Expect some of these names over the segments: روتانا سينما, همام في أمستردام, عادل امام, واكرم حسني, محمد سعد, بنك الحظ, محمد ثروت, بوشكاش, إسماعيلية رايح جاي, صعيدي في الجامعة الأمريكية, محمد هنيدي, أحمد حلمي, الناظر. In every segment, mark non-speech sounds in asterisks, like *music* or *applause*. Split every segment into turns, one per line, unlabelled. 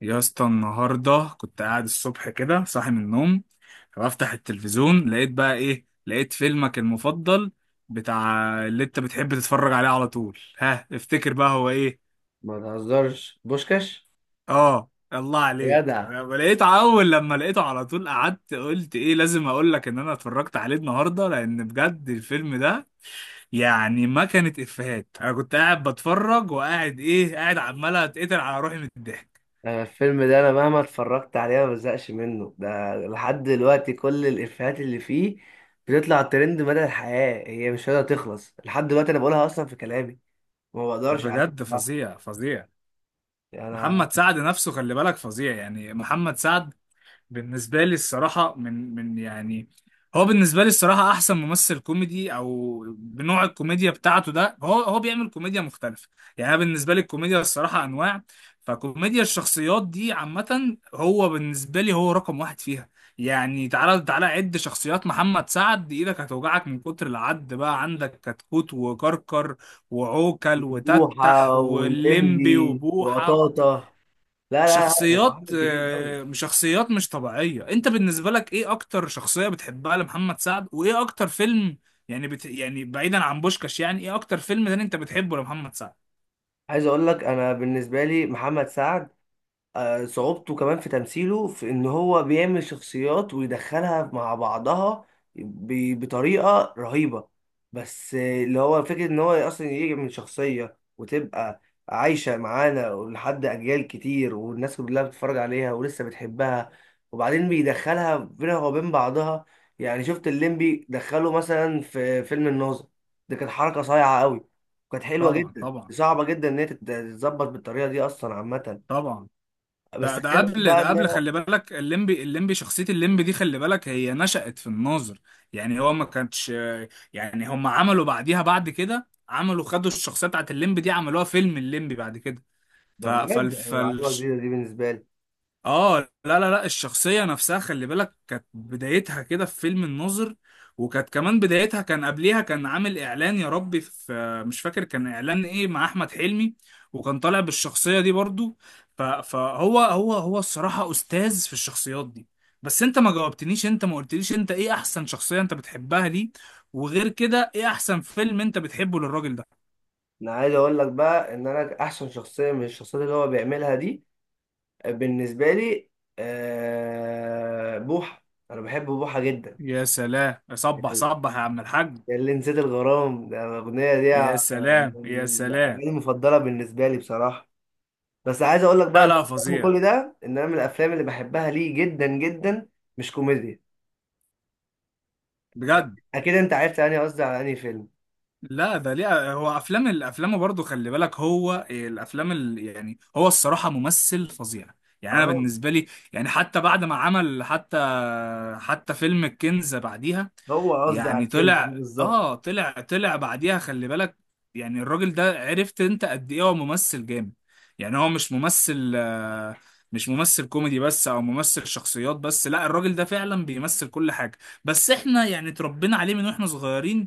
يا اسطى، النهارده كنت قاعد الصبح كده صاحي من النوم، فبفتح التلفزيون لقيت بقى ايه؟ لقيت فيلمك المفضل، بتاع اللي انت بتحب تتفرج عليه على طول. ها افتكر بقى هو ايه؟
ما تهزرش بوشكاش.
اه الله
يا
عليك.
جدع.
لقيت اول لما لقيته على طول قعدت قلت ايه، لازم اقول لك ان انا اتفرجت عليه النهارده، لان بجد الفيلم ده يعني ما كانت افيهات. انا كنت قاعد بتفرج وقاعد ايه، قاعد عمال اتقتل على روحي من الضحك.
انا، الفيلم ده، انا مهما اتفرجت عليه ما بزهقش منه، ده لحد دلوقتي كل الافيهات اللي فيه بتطلع ترند مدى الحياة، هي مش قادرة تخلص لحد دلوقتي، انا بقولها اصلا في كلامي وما بقدرش عليه
بجد
بصراحة.
فظيع فظيع.
انا
محمد سعد نفسه خلي بالك، فظيع يعني. محمد سعد بالنسبة لي الصراحة من يعني، هو بالنسبة لي الصراحة أحسن ممثل كوميدي، أو بنوع الكوميديا بتاعته ده، هو هو بيعمل كوميديا مختلفة. يعني أنا بالنسبة لي الكوميديا الصراحة أنواع، فكوميديا الشخصيات دي عامة هو بالنسبة لي هو رقم واحد فيها. يعني تعالى تعالى عد شخصيات محمد سعد، إيدك هتوجعك من كتر العد. بقى عندك كتكوت وكركر وعوكل
بوحة
وتتح واللمبي
واللمبي
وبوحة،
وقطاطة. لا لا لا، هو
شخصيات،
عامل كتير قوي.
شخصيات مش طبيعية. انت بالنسبة لك ايه اكتر شخصية بتحبها لمحمد سعد، وايه اكتر فيلم؟ يعني بعيدا عن بوشكاش، يعني ايه اكتر فيلم تاني انت بتحبه لمحمد سعد؟
عايز اقول لك انا بالنسبة لي محمد سعد صعوبته كمان في تمثيله في ان هو بيعمل شخصيات ويدخلها مع بعضها بطريقة رهيبة. بس اللي هو فكرة ان هو اصلا يجي من شخصية وتبقى عايشة معانا لحد اجيال كتير والناس كلها بتتفرج عليها ولسه بتحبها، وبعدين بيدخلها بينها وبين بعضها. يعني شفت الليمبي دخله مثلا في فيلم الناظر، ده كانت حركة صايعة قوي، كانت حلوة
طبعا
جدا،
طبعا.
صعبة جدا ان هي تتظبط بالطريقة دي اصلا عامة.
طبعا. ده
بس
ده
كده
قبل
بقى
ده
ان
قبل
انا.
خلي بالك، الليمبي الليمبي شخصية الليمبي دي خلي بالك هي نشأت في الناظر. يعني هو ما كانش، يعني هم عملوا بعديها، بعد كده عملوا خدوا الشخصية بتاعت الليمبي دي عملوها فيلم الليمبي بعد كده.
ده
ف... فال...
بجد، انا
فال...
معلومه جديده دي بالنسبه لي.
اه، لا لا لا الشخصية نفسها خلي بالك كانت بدايتها كده في فيلم الناظر. وكانت كمان بدايتها، كان قبليها كان عامل اعلان، يا ربي في، مش فاكر كان اعلان ايه مع احمد حلمي، وكان طالع بالشخصية دي برضو. ف- فهو هو هو الصراحة استاذ في الشخصيات دي. بس انت ما جاوبتنيش، انت ما قلتليش انت ايه احسن شخصية انت بتحبها ليه، وغير كده ايه احسن فيلم انت بتحبه للراجل ده؟
انا عايز اقول لك بقى ان انا احسن شخصيه من الشخصيات اللي هو بيعملها دي بالنسبه لي. بوحه. انا بحب بوحه جدا.
يا سلام. صبح
يعني
صبح يا عم الحاج.
اللي نسيت الغرام ده الاغنيه دي.
يا سلام
من
يا سلام.
الاغاني المفضله بالنسبه لي بصراحه. بس عايز اقول لك بقى
لا
إن
لا
من
فظيع.
كل ده ان انا من الافلام اللي بحبها ليه جدا جدا، مش كوميديا.
بجد.
اكيد انت عرفت يعني قصدي على انهي فيلم.
لا ده ليه، هو افلام الافلام برضه خلي بالك، هو الافلام يعني هو الصراحه ممثل فظيع يعني. انا
اه،
بالنسبه لي يعني، حتى بعد ما عمل، حتى فيلم الكنز بعديها
هو قصدي على
يعني
الكلمه دي
طلع
بالظبط.
اه طلع طلع بعديها خلي بالك. يعني الراجل ده عرفت انت قد ايه هو ممثل جامد؟ يعني هو مش ممثل، مش ممثل كوميدي بس او ممثل شخصيات بس، لا الراجل ده فعلا بيمثل كل حاجة. بس احنا يعني اتربينا عليه من واحنا صغيرين،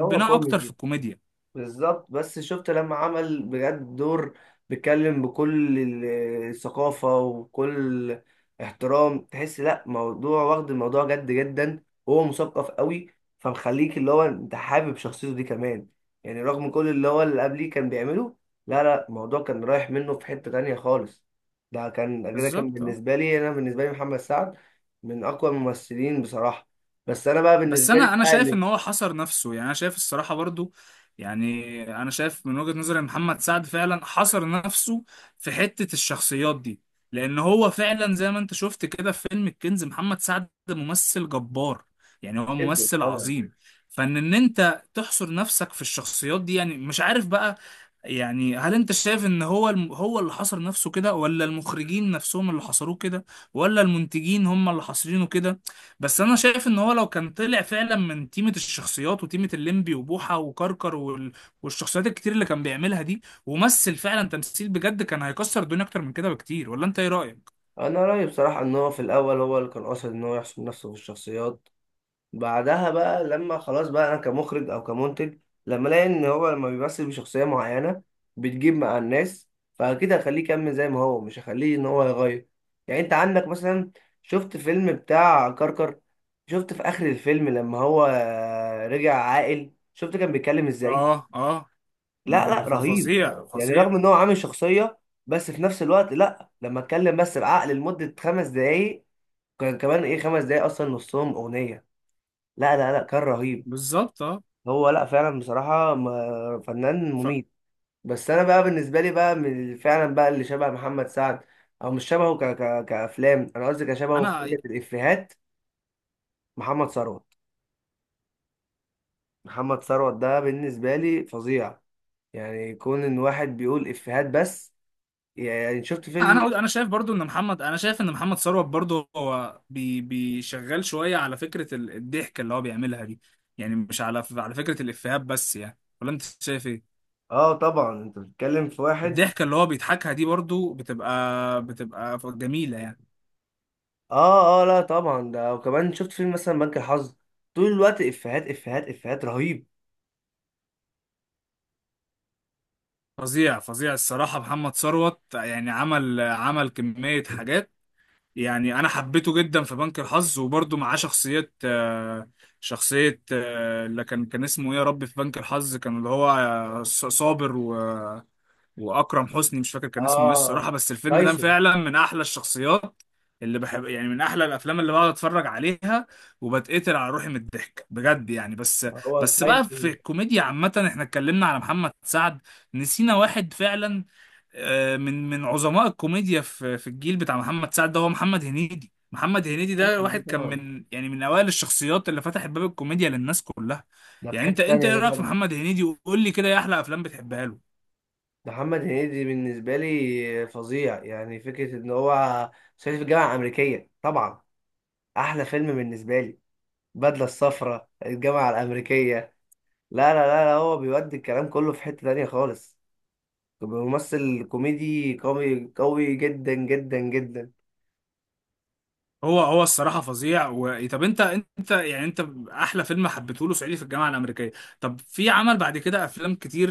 هو
اكتر في
كوميدي
الكوميديا.
بالظبط. بس شفت لما عمل بجد دور بيتكلم بكل الثقافة وكل احترام، تحس لا، موضوع واخد الموضوع جد جدا وهو مثقف قوي، فمخليك اللي هو انت حابب شخصيته دي كمان، يعني رغم كل اللي هو اللي قبليه كان بيعمله. لا لا، الموضوع كان رايح منه في حتة تانية خالص. ده كان كده، كان
بالظبط، اه.
بالنسبة لي، انا بالنسبة لي محمد سعد من اقوى الممثلين بصراحة. بس انا بقى
بس
بالنسبة لي
انا
بقى
شايف
اللي
ان هو حصر نفسه، يعني انا شايف الصراحه برضو، يعني انا شايف من وجهه نظري إن محمد سعد فعلا حصر نفسه في حته الشخصيات دي. لان هو فعلا زي ما انت شفت كده في فيلم الكنز، محمد سعد ممثل جبار، يعني هو
جدا
ممثل
طبعا.
عظيم. فان انت تحصر نفسك في الشخصيات دي، يعني مش عارف بقى. يعني هل انت شايف ان هو هو اللي حصر نفسه كده، ولا المخرجين نفسهم اللي حصروه كده، ولا المنتجين هم اللي حاصرينه كده؟ بس انا شايف ان هو لو كان طلع فعلا من تيمة الشخصيات وتيمة الليمبي وبوحة وكركر والشخصيات الكتير اللي كان بيعملها دي، ومثل فعلا تمثيل بجد، كان هيكسر الدنيا اكتر من كده بكتير. ولا انت ايه رأيك؟
انا رايي بصراحه ان هو في الاول هو اللي كان قاصد ان هو يحسن نفسه في الشخصيات. بعدها بقى لما خلاص بقى انا كمخرج او كمنتج، لما الاقي ان هو لما بيمثل بشخصيه معينه بتجيب مع الناس، فاكيد هخليه يكمل زي ما هو، مش هخليه ان هو يغير. يعني انت عندك مثلا، شفت فيلم بتاع كركر، شفت في اخر الفيلم لما هو رجع عاقل، شفت كان بيتكلم ازاي.
اه اه.
لا لا، رهيب.
فظيع
يعني
فظيع.
رغم ان هو عامل شخصيه، بس في نفس الوقت لا، لما اتكلم بس بعقل لمدة خمس دقايق، كان كمان ايه خمس دقايق اصلا نصهم اغنيه. لا لا لا، كان رهيب.
بالظبط، اه.
هو لا، فعلا بصراحه فنان مميت. بس انا بقى بالنسبه لي بقى من فعلا بقى اللي شبه محمد سعد، او مش شبهه، ك ك كافلام انا قصدي، كشبهه في
فانا
فكره الافيهات. محمد ثروت، محمد ثروت ده بالنسبه لي فظيع. يعني كون ان واحد بيقول افيهات بس. يعني شفت فيلم.
انا شايف برضو ان محمد ثروت برضو هو بيشغال شوية على فكرة الضحك اللي هو بيعملها دي. يعني مش على فكرة الإفيهات بس، يعني ولا انت شايف ايه؟
اه طبعا، انت بتتكلم في واحد.
الضحكة اللي هو بيضحكها دي برضو بتبقى جميلة يعني.
اه اه، لا طبعا ده، وكمان شفت فيلم مثلا بنك الحظ، طول الوقت افيهات افيهات افيهات، رهيب.
فظيع فظيع الصراحة محمد ثروت، يعني عمل كمية حاجات. يعني أنا حبيته جدا في بنك الحظ، وبرضو معاه شخصية، شخصية، اللي كان اسمه إيه، يا ربي في بنك الحظ كان اللي هو صابر، واكرم حسني، مش فاكر كان اسمه ايه
اه،
الصراحه، بس الفيلم ده
تايسون.
فعلا من احلى الشخصيات اللي بحب. يعني من احلى الافلام اللي بقعد اتفرج عليها، وبتقتل على روحي من الضحك بجد يعني. بس
ما هو
بس بقى في
تايسون.
الكوميديا عامه، احنا اتكلمنا على محمد سعد، نسينا واحد فعلا، من عظماء الكوميديا في الجيل بتاع محمد سعد ده، هو محمد هنيدي. محمد هنيدي ده واحد كان
طبعا،
من، يعني من اوائل الشخصيات اللي فتحت باب الكوميديا للناس كلها.
ده في
يعني
حتة
انت
تانية،
ايه
ده
رايك في
طبعا.
محمد هنيدي، وقول لي كده ايه احلى افلام بتحبها له؟
محمد هنيدي بالنسبة لي فظيع، يعني فكرة إن هو صعيدي في الجامعة الأمريكية طبعا. أحلى فيلم بالنسبة لي البدلة الصفراء، الجامعة الأمريكية. لا لا لا, لا، هو بيودي الكلام كله في حتة تانية خالص، ممثل كوميدي قوي قوي جدا جدا جدا.
هو الصراحه فظيع طب انت، انت احلى فيلم حبيته له صعيدي في الجامعه الامريكيه. طب في عمل بعد كده افلام كتير،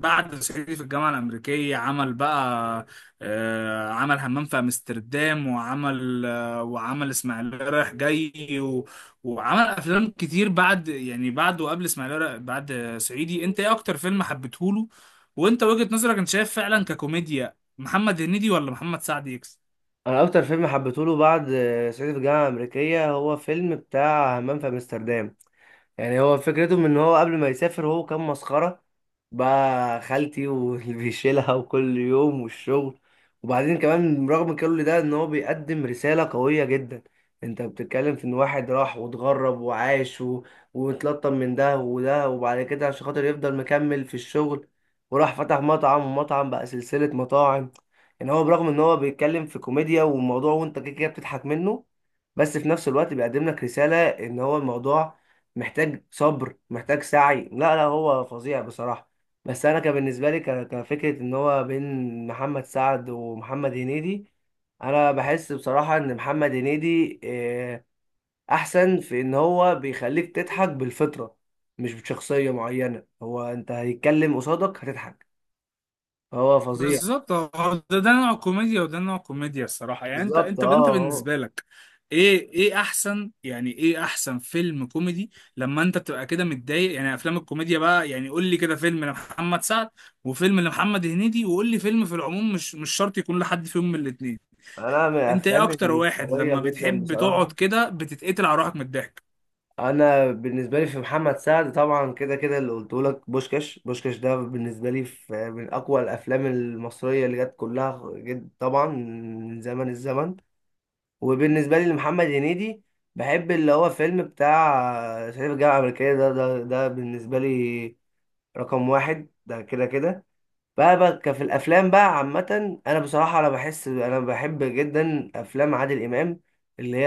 بعد صعيدي في الجامعه الامريكيه عمل بقى، عمل همام في امستردام، وعمل وعمل اسماعيليه رايح جاي وعمل افلام كتير بعد، يعني بعد وقبل اسماعيليه بعد صعيدي. انت ايه اكتر فيلم حبيته له، وانت وجهة نظرك، انت شايف فعلا ككوميديا محمد هنيدي ولا محمد سعد؟
أنا أكتر فيلم حبيته له بعد صعيدي في الجامعة الأمريكية هو فيلم بتاع همام في أمستردام. يعني هو فكرتهم ان هو قبل ما يسافر هو كان مسخرة، بقى خالتي واللي *laughs* بيشيلها، وكل يوم والشغل. وبعدين كمان رغم كل ده ان هو بيقدم رسالة قوية جدا. انت بتتكلم في ان واحد راح واتغرب وعاش و... واتلطم من ده وده، وبعد كده عشان خاطر يفضل مكمل في الشغل، وراح فتح مطعم، ومطعم بقى سلسلة مطاعم. يعني هو برغم ان هو بيتكلم في كوميديا والموضوع وانت كده كده بتضحك منه، بس في نفس الوقت بيقدم لك رسالة ان هو الموضوع محتاج صبر، محتاج سعي. لا لا، هو فظيع بصراحة. بس انا كان بالنسبة لي كفكرة ان هو بين محمد سعد ومحمد هنيدي، انا بحس بصراحة ان محمد هنيدي احسن في ان هو بيخليك تضحك بالفطرة، مش بشخصية معينة، هو انت هيتكلم قصادك هتضحك، هو فظيع.
بالظبط. هو ده نوع كوميديا وده نوع كوميديا الصراحة. يعني انت
بالظبط
انت
اه،
انت
هو.
بالنسبة لك ايه احسن، يعني ايه احسن فيلم كوميدي لما انت بتبقى كده متضايق؟ يعني افلام الكوميديا بقى، يعني قول لي كده فيلم لمحمد سعد، وفيلم لمحمد هنيدي، وقول لي فيلم في العموم، مش شرط يكون لحد فيهم من الاتنين.
انا من
انت ايه
الافلام
اكتر واحد
القوية
لما
جدا
بتحب تقعد
بصراحة،
كده بتتقتل على روحك من الضحك؟
انا بالنسبه لي في محمد سعد طبعا كده كده اللي قلته لك، بوشكاش، بوشكاش ده بالنسبه لي في من اقوى الافلام المصريه اللي جت كلها جد طبعا من زمن الزمن. وبالنسبه لي لمحمد هنيدي بحب اللي هو فيلم بتاع صعيدي في الجامعه الامريكيه، ده ده ده بالنسبه لي رقم واحد، ده كده كده. بقى في الافلام بقى عامه، انا بصراحه انا بحس انا بحب جدا افلام عادل امام، اللي هي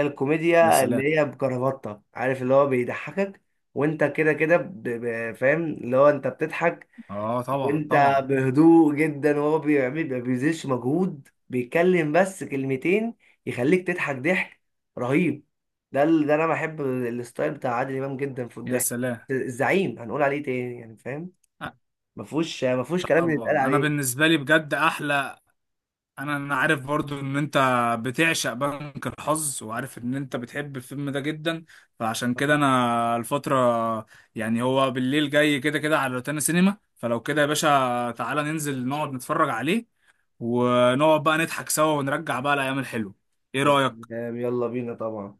يا
الكوميديا
سلام.
اللي هي بكرافته، عارف اللي هو بيضحكك وانت كده كده فاهم اللي هو انت بتضحك
اه طبعا
وانت
طبعا.
بهدوء جدا، وهو بيعمل ما بيبذلش مجهود، بيتكلم بس كلمتين يخليك تضحك ضحك رهيب. ده ده انا بحب الستايل بتاع عادل امام جدا في
يا
الضحك.
سلام.
الزعيم هنقول عليه تاني، يعني فاهم.
آه،
ما فيهوش كلام
طبعا،
يتقال
انا
عليه.
بالنسبة لي بجد احلى، انا عارف برضو ان انت بتعشق بنك الحظ، وعارف ان انت بتحب الفيلم ده جدا، فعشان كده انا الفترة، يعني هو بالليل جاي كده كده على روتانا سينما، فلو كده يا باشا تعالى ننزل نقعد نتفرج عليه، ونقعد بقى نضحك سوا ونرجع بقى الايام الحلوة. ايه رأيك؟
تمام، يلا بينا طبعا.